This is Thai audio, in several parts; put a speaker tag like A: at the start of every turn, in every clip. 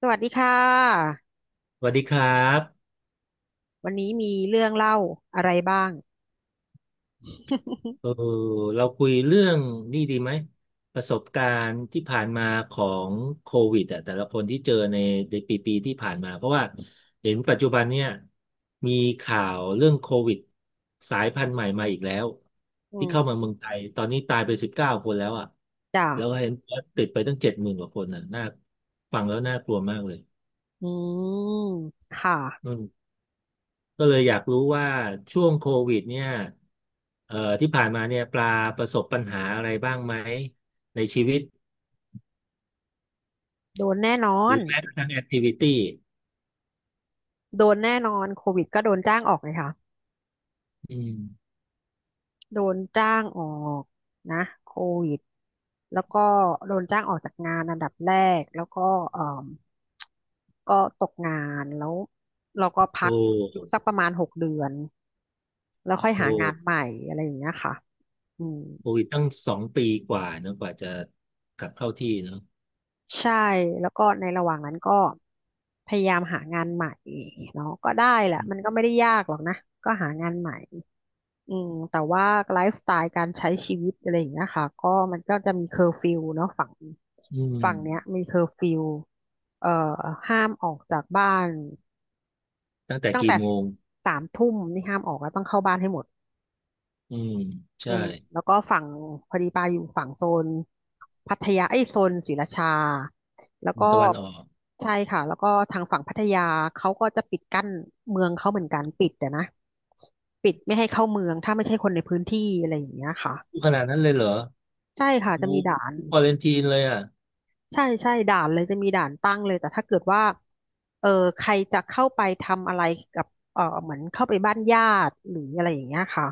A: สวัสดีค่ะ
B: สวัสดีครับ
A: วันนี้มีเรื่องเล่าอะไรบ้าง
B: เออเราคุยเรื่องนี่ดีไหมประสบการณ์ที่ผ่านมาของโควิดอ่ะแต่ละคนที่เจอในปีที่ผ่านมาเพราะว่าเห็นปัจจุบันเนี่ยมีข่าวเรื่องโควิดสายพันธุ์ใหม่มาอีกแล้ว
A: อื
B: ที่เข้า
A: ม
B: มาเมืองไทยตอนนี้ตายไป19 คนแล้วอ่ะ
A: จ้ะ
B: แล้วก็เห็นว่าติดไปตั้ง70,000 กว่าคนอ่ะน่าฟังแล้วน่ากลัวมากเลย
A: อืม ค่ะ
B: อืม ก็เลยอยากรู้ว่าช่วงโควิดเนี่ยที่ผ่านมาเนี่ยปลาประสบปัญหาอะไรบ้างไหมในชีวิต
A: โดนแน่นอ
B: หรื
A: น
B: อแม้กระทั่งแอคทิวิตี้
A: โดนแน่นอน โควิดก็โดนจ้างออกเลยค่ะ
B: อืม
A: โดนจ้างออกนะโควิดแล้วก็โดนจ้างออกจากงานอันดับแรกแล้วก็เอ่มก็ตกงานแล้วเราก็พัก
B: โอ้
A: อยู่สักประมาณ6 เดือนแล้วค่อย
B: โอ้
A: หางานใหม่อะไรอย่างเงี้ยค่ะอืม
B: โควิดตั้ง2 ปีกว่าเนอะกว่าจะกลับเข้าที่เนอะ
A: ใช่แล้วก็ในระหว่างนั้นก็พยายามหางานใหม่เนาะก็ได้แหละมันก็ไม่ได้ยากหรอกนะก็หางานใหม่ อืมแต่ว่าไลฟ์สไตล์การใช้ชีวิตอะไรอย่างเงี้ยค่ะก็มันก็จะมีเคอร์ฟิวเนาะฝั่ง
B: อื
A: ฝั่งเนี้ย
B: ม
A: มีเคอร์ฟิวเอ่อห้ามออกจากบ้าน
B: ตั้งแต่
A: ตั้ง
B: กี่
A: แต่
B: โมง
A: 3 ทุ่มนี่ห้ามออกแล้วต้องเข้าบ้านให้หมด
B: อืม
A: อื
B: ใช่
A: มแล้วก็ฝั่งพอดีปาอยู่ฝั่งโซนพัทยาไอ้ยโซนศรีราชาแล้ว
B: อืม
A: ก็
B: ตะวันออก
A: ใช่ค่ะแล้วก็ทางฝั่งพัทยาเขาก็จะปิดกั้นเมืองเขาเหมือนกันปิดแต่นะปิดไม่ให้เข้าเมืองถ้าไม่ใช่คนในพื้นที่อะไรอย่างเงี้ยค่ะ
B: ขนาดนั้นเลยเหรอ
A: ใช่ค่ะ
B: กู
A: จะมีด่าน
B: ควอเรนทีนเลยอ่ะ
A: ใช่ใช่ด่านเลยจะมีด่านตั้งเลยแต่ถ้าเกิดว่าเออใครจะเข้าไปทำอะไรกับเหมือนเข้าไปบ้านญาติหรืออะไรอย่างเงี้ยค่ะ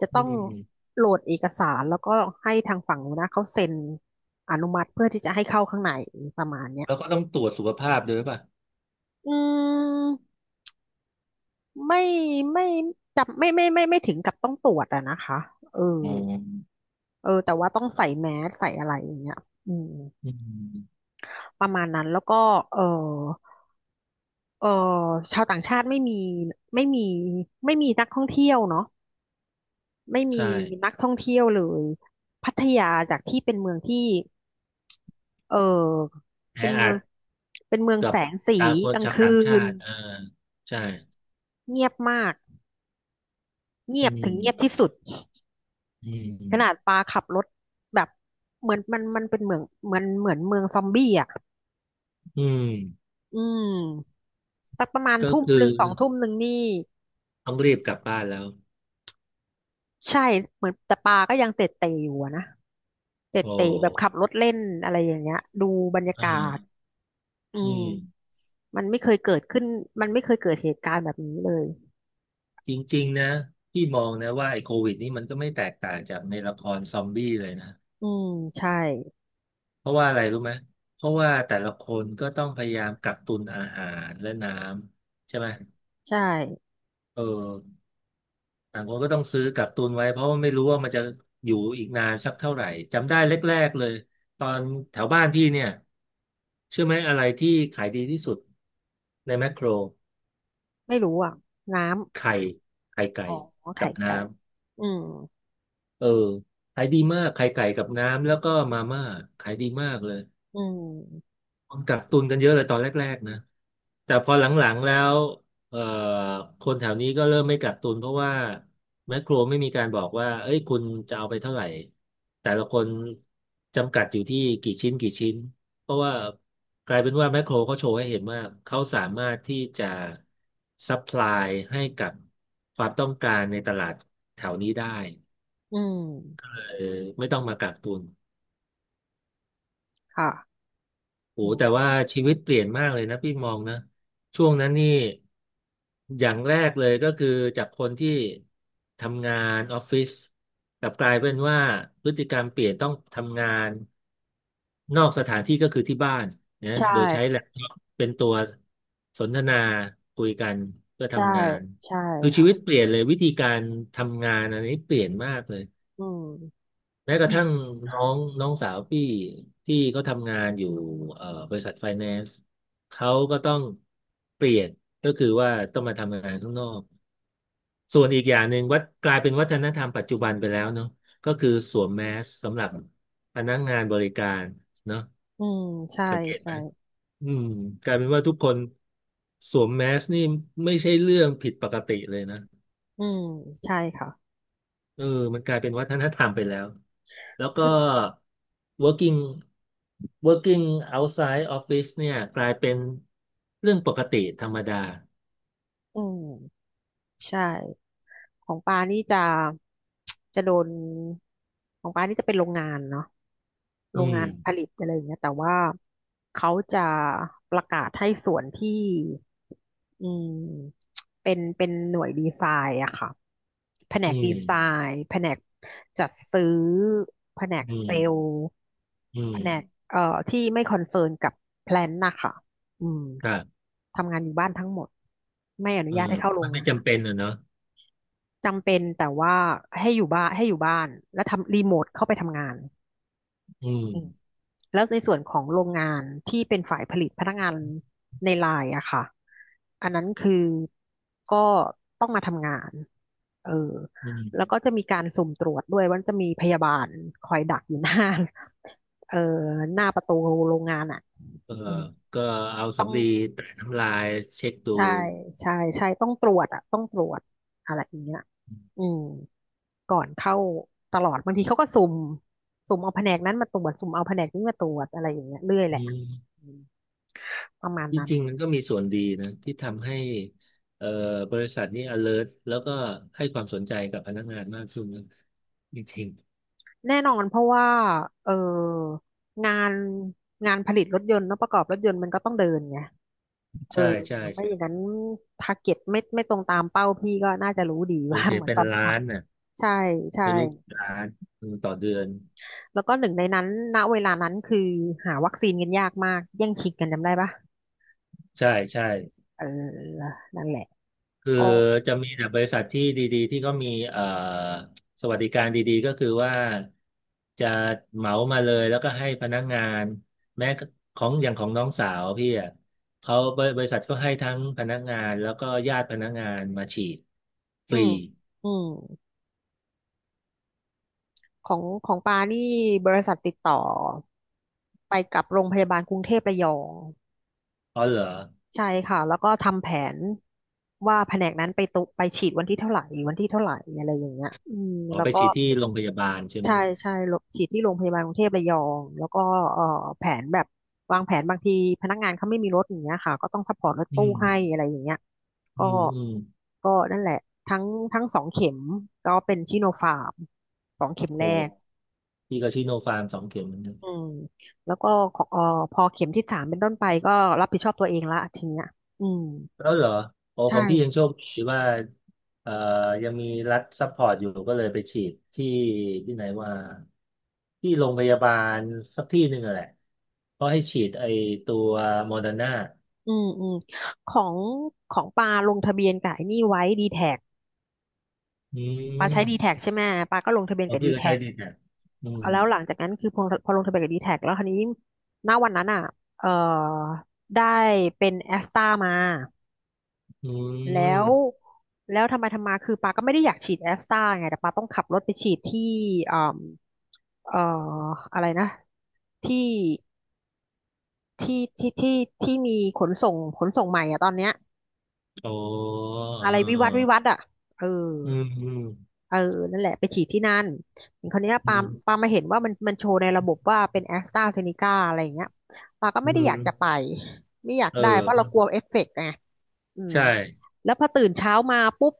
A: จะต้
B: อื
A: อง
B: ม
A: โหลดเอกสารแล้วก็ให้ทางฝั่งนู้นนะเขาเซ็นอนุมัติเพื่อที่จะให้เข้าข้างในประมาณเนี้ย
B: แล้วก็ต้องตรวจสุขภาพด้วยป่ะ
A: อืมไม่ไม่จำไม่ถึงกับต้องตรวจอะนะคะเออ
B: อ๋อ
A: แต่ว่าต้องใส่แมสใส่อะไรอย่างเงี้ยอืม
B: อืม
A: ประมาณนั้นแล้วก็เออ เอ่อชาวต่างชาติไม่มีไม่มีนักท่องเที่ยวเนาะไม่
B: ใช่
A: มีนักท่องเที่ยวเลยพัทยาจากที่เป็นเมืองที่เออ
B: แอ
A: เป็นเมื
B: อั
A: อง
B: ด
A: เป็นเมือง
B: กับ
A: แสงสี
B: ชาวค
A: ก
B: น
A: ลาง
B: ชาว
A: คื
B: ต่างชา
A: น
B: ติอ่าใช่
A: เงียบมากเงี
B: อื
A: ยบถึงเงียบ
B: ม
A: ที่สุด
B: อื
A: ขนาด
B: ม
A: ปาขับรถแบบเหมือนมันเป็นเมืองเหมือนเมืองซอมบี้อ่ะ
B: อืม
A: อืมสักประมาณ
B: ก็
A: ทุ่ม
B: คือ
A: หนึ่งสองทุ่มหนึ่งนี่
B: ต้องรีบกลับบ้านแล้ว
A: ใช่เหมือนแต่ปาก็ยังเตะเตะอยู่อะนะ เจ็ด
B: โอ้
A: เต๋แบบขับรถเล่นอะไรอย่างเงี้ยดูบรรยา
B: เอ่า
A: กาศอื
B: อื
A: ม
B: ม
A: มันไม่เคยเกิดขึ้นมันไม่เคยเกิดเหตุการณ์แบบนี้เลย
B: จ
A: อื
B: ริงๆนะ
A: ม
B: พี่มองนะว่าไอ้โควิดนี่มันก็ไม่แตกต่างจากในละครซอมบี้เลยนะ
A: อืมใช่
B: เพราะว่าอะไรรู้ไหม เพราะว่าแต่ละคนก็ต้องพยายามกักตุนอาหารและน้ำใช่ไหม
A: ใช่
B: เออ ต่างคนก็ต้องซื้อกักตุนไว้เพราะว่าไม่รู้ว่ามันจะอยู่อีกนานสักเท่าไหร่จำได้แรกๆเลยตอนแถวบ้านพี่เนี่ยเชื่อไหมอะไรที่ขายดีที่สุดในแมคโคร
A: ไม่รู้อ่ะน้
B: ไข่ไข่
A: ำ
B: ไก่
A: อ๋อ
B: กั
A: ไข่
B: บน้
A: ไก่อืม
B: ำเออขายดีมากไข่ไก่กับน้ำแล้วก็มาม่าขายดีมากเลย
A: อืม
B: กักตุนกันเยอะเลยตอนแรกๆนะแต่พอหลังๆแล้วเอ่อคนแถวนี้ก็เริ่มไม่กักตุนเพราะว่าแมคโครไม่มีการบอกว่าเอ้ยคุณจะเอาไปเท่าไหร่แต่ละคนจำกัดอยู่ที่กี่ชิ้นกี่ชิ้นเพราะว่ากลายเป็นว่าแมคโครเขาโชว์ให้เห็นว่าเขาสามารถที่จะซัพพลายให้กับความต้องการในตลาดแถวนี้ได้
A: อืม
B: เออไม่ต้องมากักตุน
A: ค่ะ
B: โอ้
A: อื
B: แต่
A: ม
B: ว่าชีวิตเปลี่ยนมากเลยนะพี่มองนะช่วงนั้นนี่อย่างแรกเลยก็คือจากคนที่ทำงานออฟฟิศกลับกลายเป็นว่าพฤติกรรมเปลี่ยนต้องทำงานนอกสถานที่ก็คือที่บ้านนะ
A: ใช่
B: โดยใช้แล็ปท็อปเป็นตัวสนทนาคุยกันเพื่อ
A: ใช่
B: ทำงาน
A: ใช่
B: คือชีวิต
A: ค่ะ
B: เปลี่ยนเลยวิธีการทำงานอันนี้เปลี่ยนมากเลย
A: อืม
B: แม้ก
A: จ
B: ระ
A: ริง
B: ทั่งน้องน้องสาวพี่ที่เขาทำงานอยู่บริษัทไฟแนนซ์เขาก็ต้องเปลี่ยนก็คือว่าต้องมาทำงานข้างนอกส่วนอีกอย่างหนึ่งวัดกลายเป็นวัฒนธรรมปัจจุบันไปแล้วเนาะก็คือสวมแมสสำหรับพนักงานบริการเนาะ
A: อืมใช่
B: สังเกตไห
A: ใช่
B: มอืมกลายเป็นว่าทุกคนสวมแมสนี่ไม่ใช่เรื่องผิดปกติเลยนะ
A: อืมใช่ค่ะ
B: เออมันกลายเป็นวัฒนธรรมไปแล้ว แล้วก็
A: คือ
B: working working outside office เนี่ยกลายเป็นเรื่องปกติธรรมดา
A: อืมใช่ ของปานี่จะ จะโดนของปานี่จะเป็นโรงงานเนาะโร
B: อื
A: งอื
B: ม
A: งานมผลิตอะไรอย่างเงี้ยแต่ว่าเขาจะประกาศให้ส่วนที่อืมเป็นหน่วยดีไซน์อะค่ะแผน
B: อื
A: กดีอืมไซ
B: ม
A: น์แผนกจัดซื้อแผนก
B: อื
A: เซล
B: ม
A: ล์
B: อื
A: แผ
B: ม
A: นกเอ่อที่ไม่คอนเซิร์นกับแพลนนะคะอืม
B: ครับ
A: ทำงานอยู่บ้านทั้งหมดไม่อนุ
B: เออ
A: ญาตให้
B: เพ
A: เข้า
B: ราะ
A: โร
B: มั
A: ง
B: นไม่
A: งาน
B: จำเป็นอ่ะเนาะ
A: จำเป็นแต่ว่าให้อยู่บ้านแล้วทำรีโมทเข้าไปทำงาน
B: อืม
A: อืมแล้วในส่วนของโรงงานที่เป็นฝ่ายผลิตพนักงานในไลน์อะค่ะอันนั้นคือก็ต้องมาทำงานเออ
B: อืม
A: แล้วก็จะมีการสุ่มตรวจด้วยว่าจะมีพยาบาลคอยดักอยู่หน้า เออหน้าประตูโรงงานอะ
B: เออ
A: อืม
B: ก็เอาสำลีแตะน้ำลายเช็คดู
A: ใช่ใช่ใช่ต้องตรวจอะต้องตรวจอะไรอย่างเงี้ยอืมก่อนเข้าตลอดบางทีเขาก็สุ่มเอาแผนกนั้นมาตรวจสุ่มเอาแผนกนี้มาตรวจอะไรอย่างเงี้ยเรื่อยแหละ
B: อืม
A: อืมประมาณ
B: จ
A: นั้น
B: ริงๆมันก็มีส่วนดีนะที่ทำให้เอ่อบริษัทนี้ alert แล้วก็ให้ความสนใจกับพนักงานมากขึ้นนะจริง
A: แน่นอนเพราะว่าเอองานงานผลิตรถยนต์เนอะประกอบรถยนต์มันก็ต้องเดินไง
B: ๆ
A: เอ
B: ใช่
A: อ
B: ใช่
A: ไม่อย่างนั้นทาร์เก็ตไม่ตรงตามเป้าพี่ก็น่าจะรู้ดี
B: สู
A: ว่า
B: ญเสี ย
A: เหมือน
B: เป็น
A: ตอนที่
B: ล้า
A: ท
B: นน่ะ
A: ำใช่ใช่
B: ไม่รู้กี่ล้านอืมต่อเดือน
A: แล้วก็หนึ่งในนั้นณเวลานั้นคือหาวัคซีนกันยากมากแย่งชิงกันจำได้ปะ
B: ใช่ใช่
A: เออนั่นแหละ
B: คือ
A: ก็
B: จะมีแต่บริษัทที่ดีๆที่ก็มีสวัสดิการดีๆก็คือว่าจะเหมามาเลยแล้วก็ให้พนักงานแม้ของอย่างของน้องสาวพี่อ่ะเขาบริษัทก็ให้ทั้งพนักงานแล้วก็ญาติพนักงานมาฉีดฟ
A: อื
B: รี
A: ม อืม ของของปานี่บริษัทติดต่อไปกับโรงพยาบาลกรุงเทพระยอง
B: อ๋อเหรอ
A: ใช่ค่ะ แล้วก็ทำแผนว่าแผนกนั้นไปตุไปฉีดวันที่เท่าไหร่ วันที่เท่าไหร่ อะไรอย่างเงี้ยอืม
B: อ๋อ
A: แล้ว
B: ไป
A: ก็
B: ฉีดที่โรงพยาบาลใช่ไหม
A: ใช่ใช่โรฉีดที่โรงพยาบาลกรุงเทพระยองแล้วก็เอ่อแผนแบบวางแผนบางทีพนักงานเขาไม่มีรถอย่างเงี้ยค่ะก็ต้องซัพพอร์ตรถ
B: อื
A: ตู้ให้
B: ม
A: อะไรอย่างเงี้ย
B: อื
A: ก็
B: มอืม
A: ก็นั่นแหละทั้งทั้งสองเข็มก็เป็นชิโนฟาร์มสองเข็ม
B: โอ้
A: แรก
B: พี่ก็ชิโนฟาร์ม2 เข็ม
A: อืมแล้วก็ขอพอเข็มที่สามเป็นต้นไปก็รับผิดชอบตัวเองละทีเนี้ยอืม
B: แล้วเหรอโอ้ข
A: ใช่
B: องพี่ยังโชคดีว่าเอ่อยังมีรัฐซัพพอร์ตอยู่ก็เลยไปฉีดที่ที่ไหนว่าที่โรงพยาบาลสักที่หนึ่งอะแหละก็ให้ฉีดไอตัวโมเดอร์นา
A: อืมอืมของของปาลงทะเบียนกับไอ้นี่ไว้ดีแท็ก
B: อื
A: ปา
B: ม
A: ใช้ดีแท็กใช่ไหมปาก็ลงทะเบียน
B: โอ้
A: กับ
B: พี่
A: ดี
B: ก็
A: แท็
B: ใช้
A: ก
B: ดีแนะอืม
A: แล้วหลังจากนั้นคือพอลงทะเบียนกับ d t แทกแล้วคราวนี้ณวันนั้นอ่ะเอ่อได้เป็นแอสตามา
B: อื
A: แล้ว
B: ม
A: แล้วทำไมทำมาคือปาก็ไม่ได้อยากฉีดแอสตาไงแต่ปาต้องขับรถไปฉีดที่เอ่มเอ่ออะไรนะที่ที่ที่มีขนส่งใหม่อ่ะตอนเนี้ย
B: โอ้
A: อะไรวิวัฒน์อ่ะเออ
B: เออเอออืม
A: เออนั่นแหละไปฉีดที่นั่นคราวเนี้ย
B: อื
A: ปา
B: ม
A: มาเห็นว่ามันโชว์ในระบบว่าเป็นแอสตราเซเนกาอะไรอย่างเงี้ยปาก็
B: อื
A: ไม่ได้อยากจะไป
B: ม
A: ไม่อยาก
B: เอ
A: ได้เพราะเราก
B: อ
A: ลัวเอฟเฟกต์ไงอืม
B: ใช่
A: แล้วพอตื่นเช้ามาปุ๊บ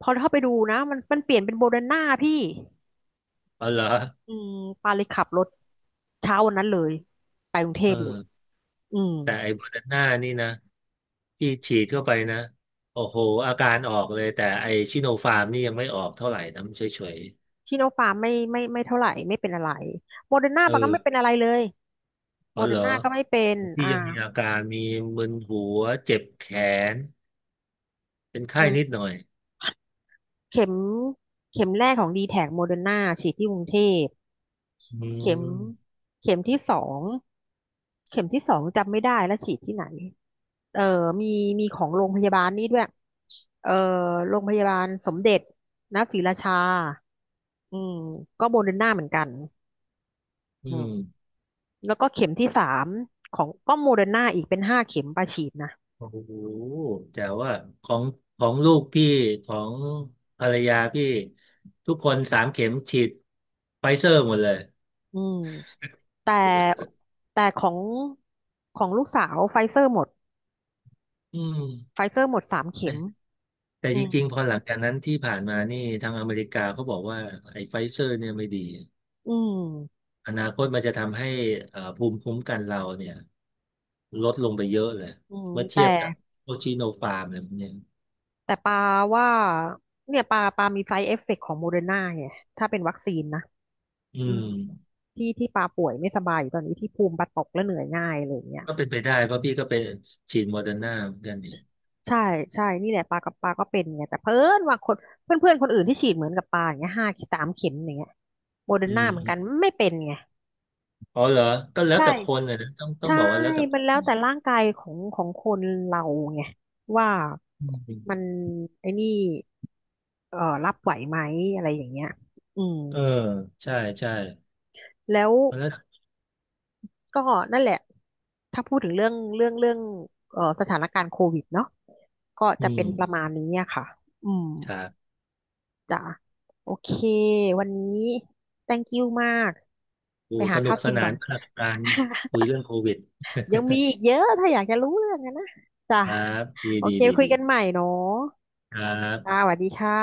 A: พอเข้าไปดูนะมันเปลี่ยนเป็นโมเดอร์นาพี่
B: อ๋อเหรอ
A: อืมปาเลยขับรถเช้าวันนั้นเลยไปกรุงเท
B: เออ
A: พเลยอืม
B: แต่ไอ้โมเดอร์นานี่นะที่ฉีดเข้าไปนะโอ้โหอาการออกเลยแต่ไอ้ชิโนฟาร์มนี่ยังไม่ออกเท่าไหร่นะมันเฉย
A: ชิโนฟาร์มไม่เท่าไหร่ไม่เป็นอะไรโมเดอร์นา
B: ๆเอ
A: ปาก็
B: อ
A: ไม่เป็นอะไรเลย
B: อ๋
A: โม
B: อ
A: เด
B: เห
A: อ
B: ร
A: ร์
B: อ
A: นาก็ไม่เป็น
B: ที่
A: อ่า
B: ยังมีอาการมีมึนหัวเจ็บแขนเป็นไข้
A: อื
B: นิดห
A: ม
B: น่อย
A: เข็มเข็มแรกของดีแท็กโมเดอร์นาฉีดที่กรุงเทพ
B: อื
A: เข็ม
B: ม
A: เข็มที่สองเข็มที่สองจำไม่ได้แล้วฉีดที่ไหนเออมีมีของโรงพยาบาลนี่ด้วยเออโรงพยาบาลสมเด็จนศรีราชาอืมก็โมเดอร์นาเหมือนกัน
B: อื
A: อืม
B: ม
A: แล้วก็เข็มที่สามของก็โมเดอร์นาอีกเป็นห้าเข็มประฉีดนะ
B: โอ้โหแต่ว่าของของลูกพี่ของภรรยาพี่ทุกคน3 เข็มฉีดไฟเซอร์หมดเลย
A: อืมแต่แต่ของของลูกสาวไฟเซอร์หมด
B: อื
A: ไฟ
B: ม
A: เซอร์หมดสามเข็ม
B: แต่
A: อื
B: จ
A: ม
B: ริงๆพอหลังจากนั้นที่ผ่านมานี่ทางอเมริกาเขาบอกว่าไอ้ไฟเซอร์เนี่ยไม่ดี
A: อืม
B: อนาคตมันจะทำให้ภูมิคุ้มกันเราเนี่ยลดลงไปเยอะเลย
A: อืม
B: เมื่อ
A: แต่
B: เทียบกับโอชิโนฟาร์มอะไรพวกเนี้ย
A: แต่ปาว่าเนี่ยปาปามีไซ d ์เอฟเฟกของโมเดอร์นาไงถ้าเป็นวัคซีนนะ
B: อื
A: อื
B: ม
A: มที่ที่ปาป่วยไม่สบายอยู่ตอนนี้ที่ภูมิปาตกแล้วเหนื่อยง่ายอะไรอย่างเงี้ย
B: ก็เป็นไปได้เพราะพี่ก็เป็นฉีดโมเดอร์นาเหมือนกันนี่
A: ใช่ใช่นี่แหละปากับปาก็เป็นไงแต่เพื่อนว่าคนเพื่อนเพื่อนคนอื่นที่ฉีดเหมือนกับปาอย่างเงี้ยห้าสามเข็มอย่างเงี้ยโมเดอ
B: อื
A: ร์นาเหมือนกัน
B: ม
A: ไม่เป็นไง
B: อ๋อเหรอก็แล้ว
A: ใช่
B: แต่คนเลยนะต้องต้อง
A: ใช่
B: บอกว่าแล้วแต่
A: มัน
B: ค
A: แล้ว
B: นี
A: แต่ร่างกายของของคนเราไงว่า
B: อืม
A: มันไอ้นี่เอ่อรับไหวไหมอะไรอย่างเงี้ยอืม
B: เออใช่ใช่
A: แล้ว
B: เพราะแล้ว
A: ก็นั่นแหละถ้าพูดถึงเรื่องสถานการณ์โควิดเนาะก็
B: อื
A: จะเป็นประม
B: ม
A: มาณนี้อะค่ะอืม
B: ครับ
A: จ้ะโอเควันนี้ thank you มาก
B: โอ้
A: ไปหา
B: สนุ
A: ข้า
B: ก
A: ว
B: ส
A: กิน
B: นา
A: ก่อ
B: น
A: น
B: มากกับการคุยเรื่องโควิด
A: ยังมีอีกเยอะ ถ้าอยากจะรู้เรื่องอะนะจ้ะ
B: ครับดี
A: โอ
B: ดี
A: เค
B: ดี
A: คุย
B: ดี
A: กันใหม่เนาะ
B: ครั
A: จ้า
B: บ
A: สวัสดีค่ะ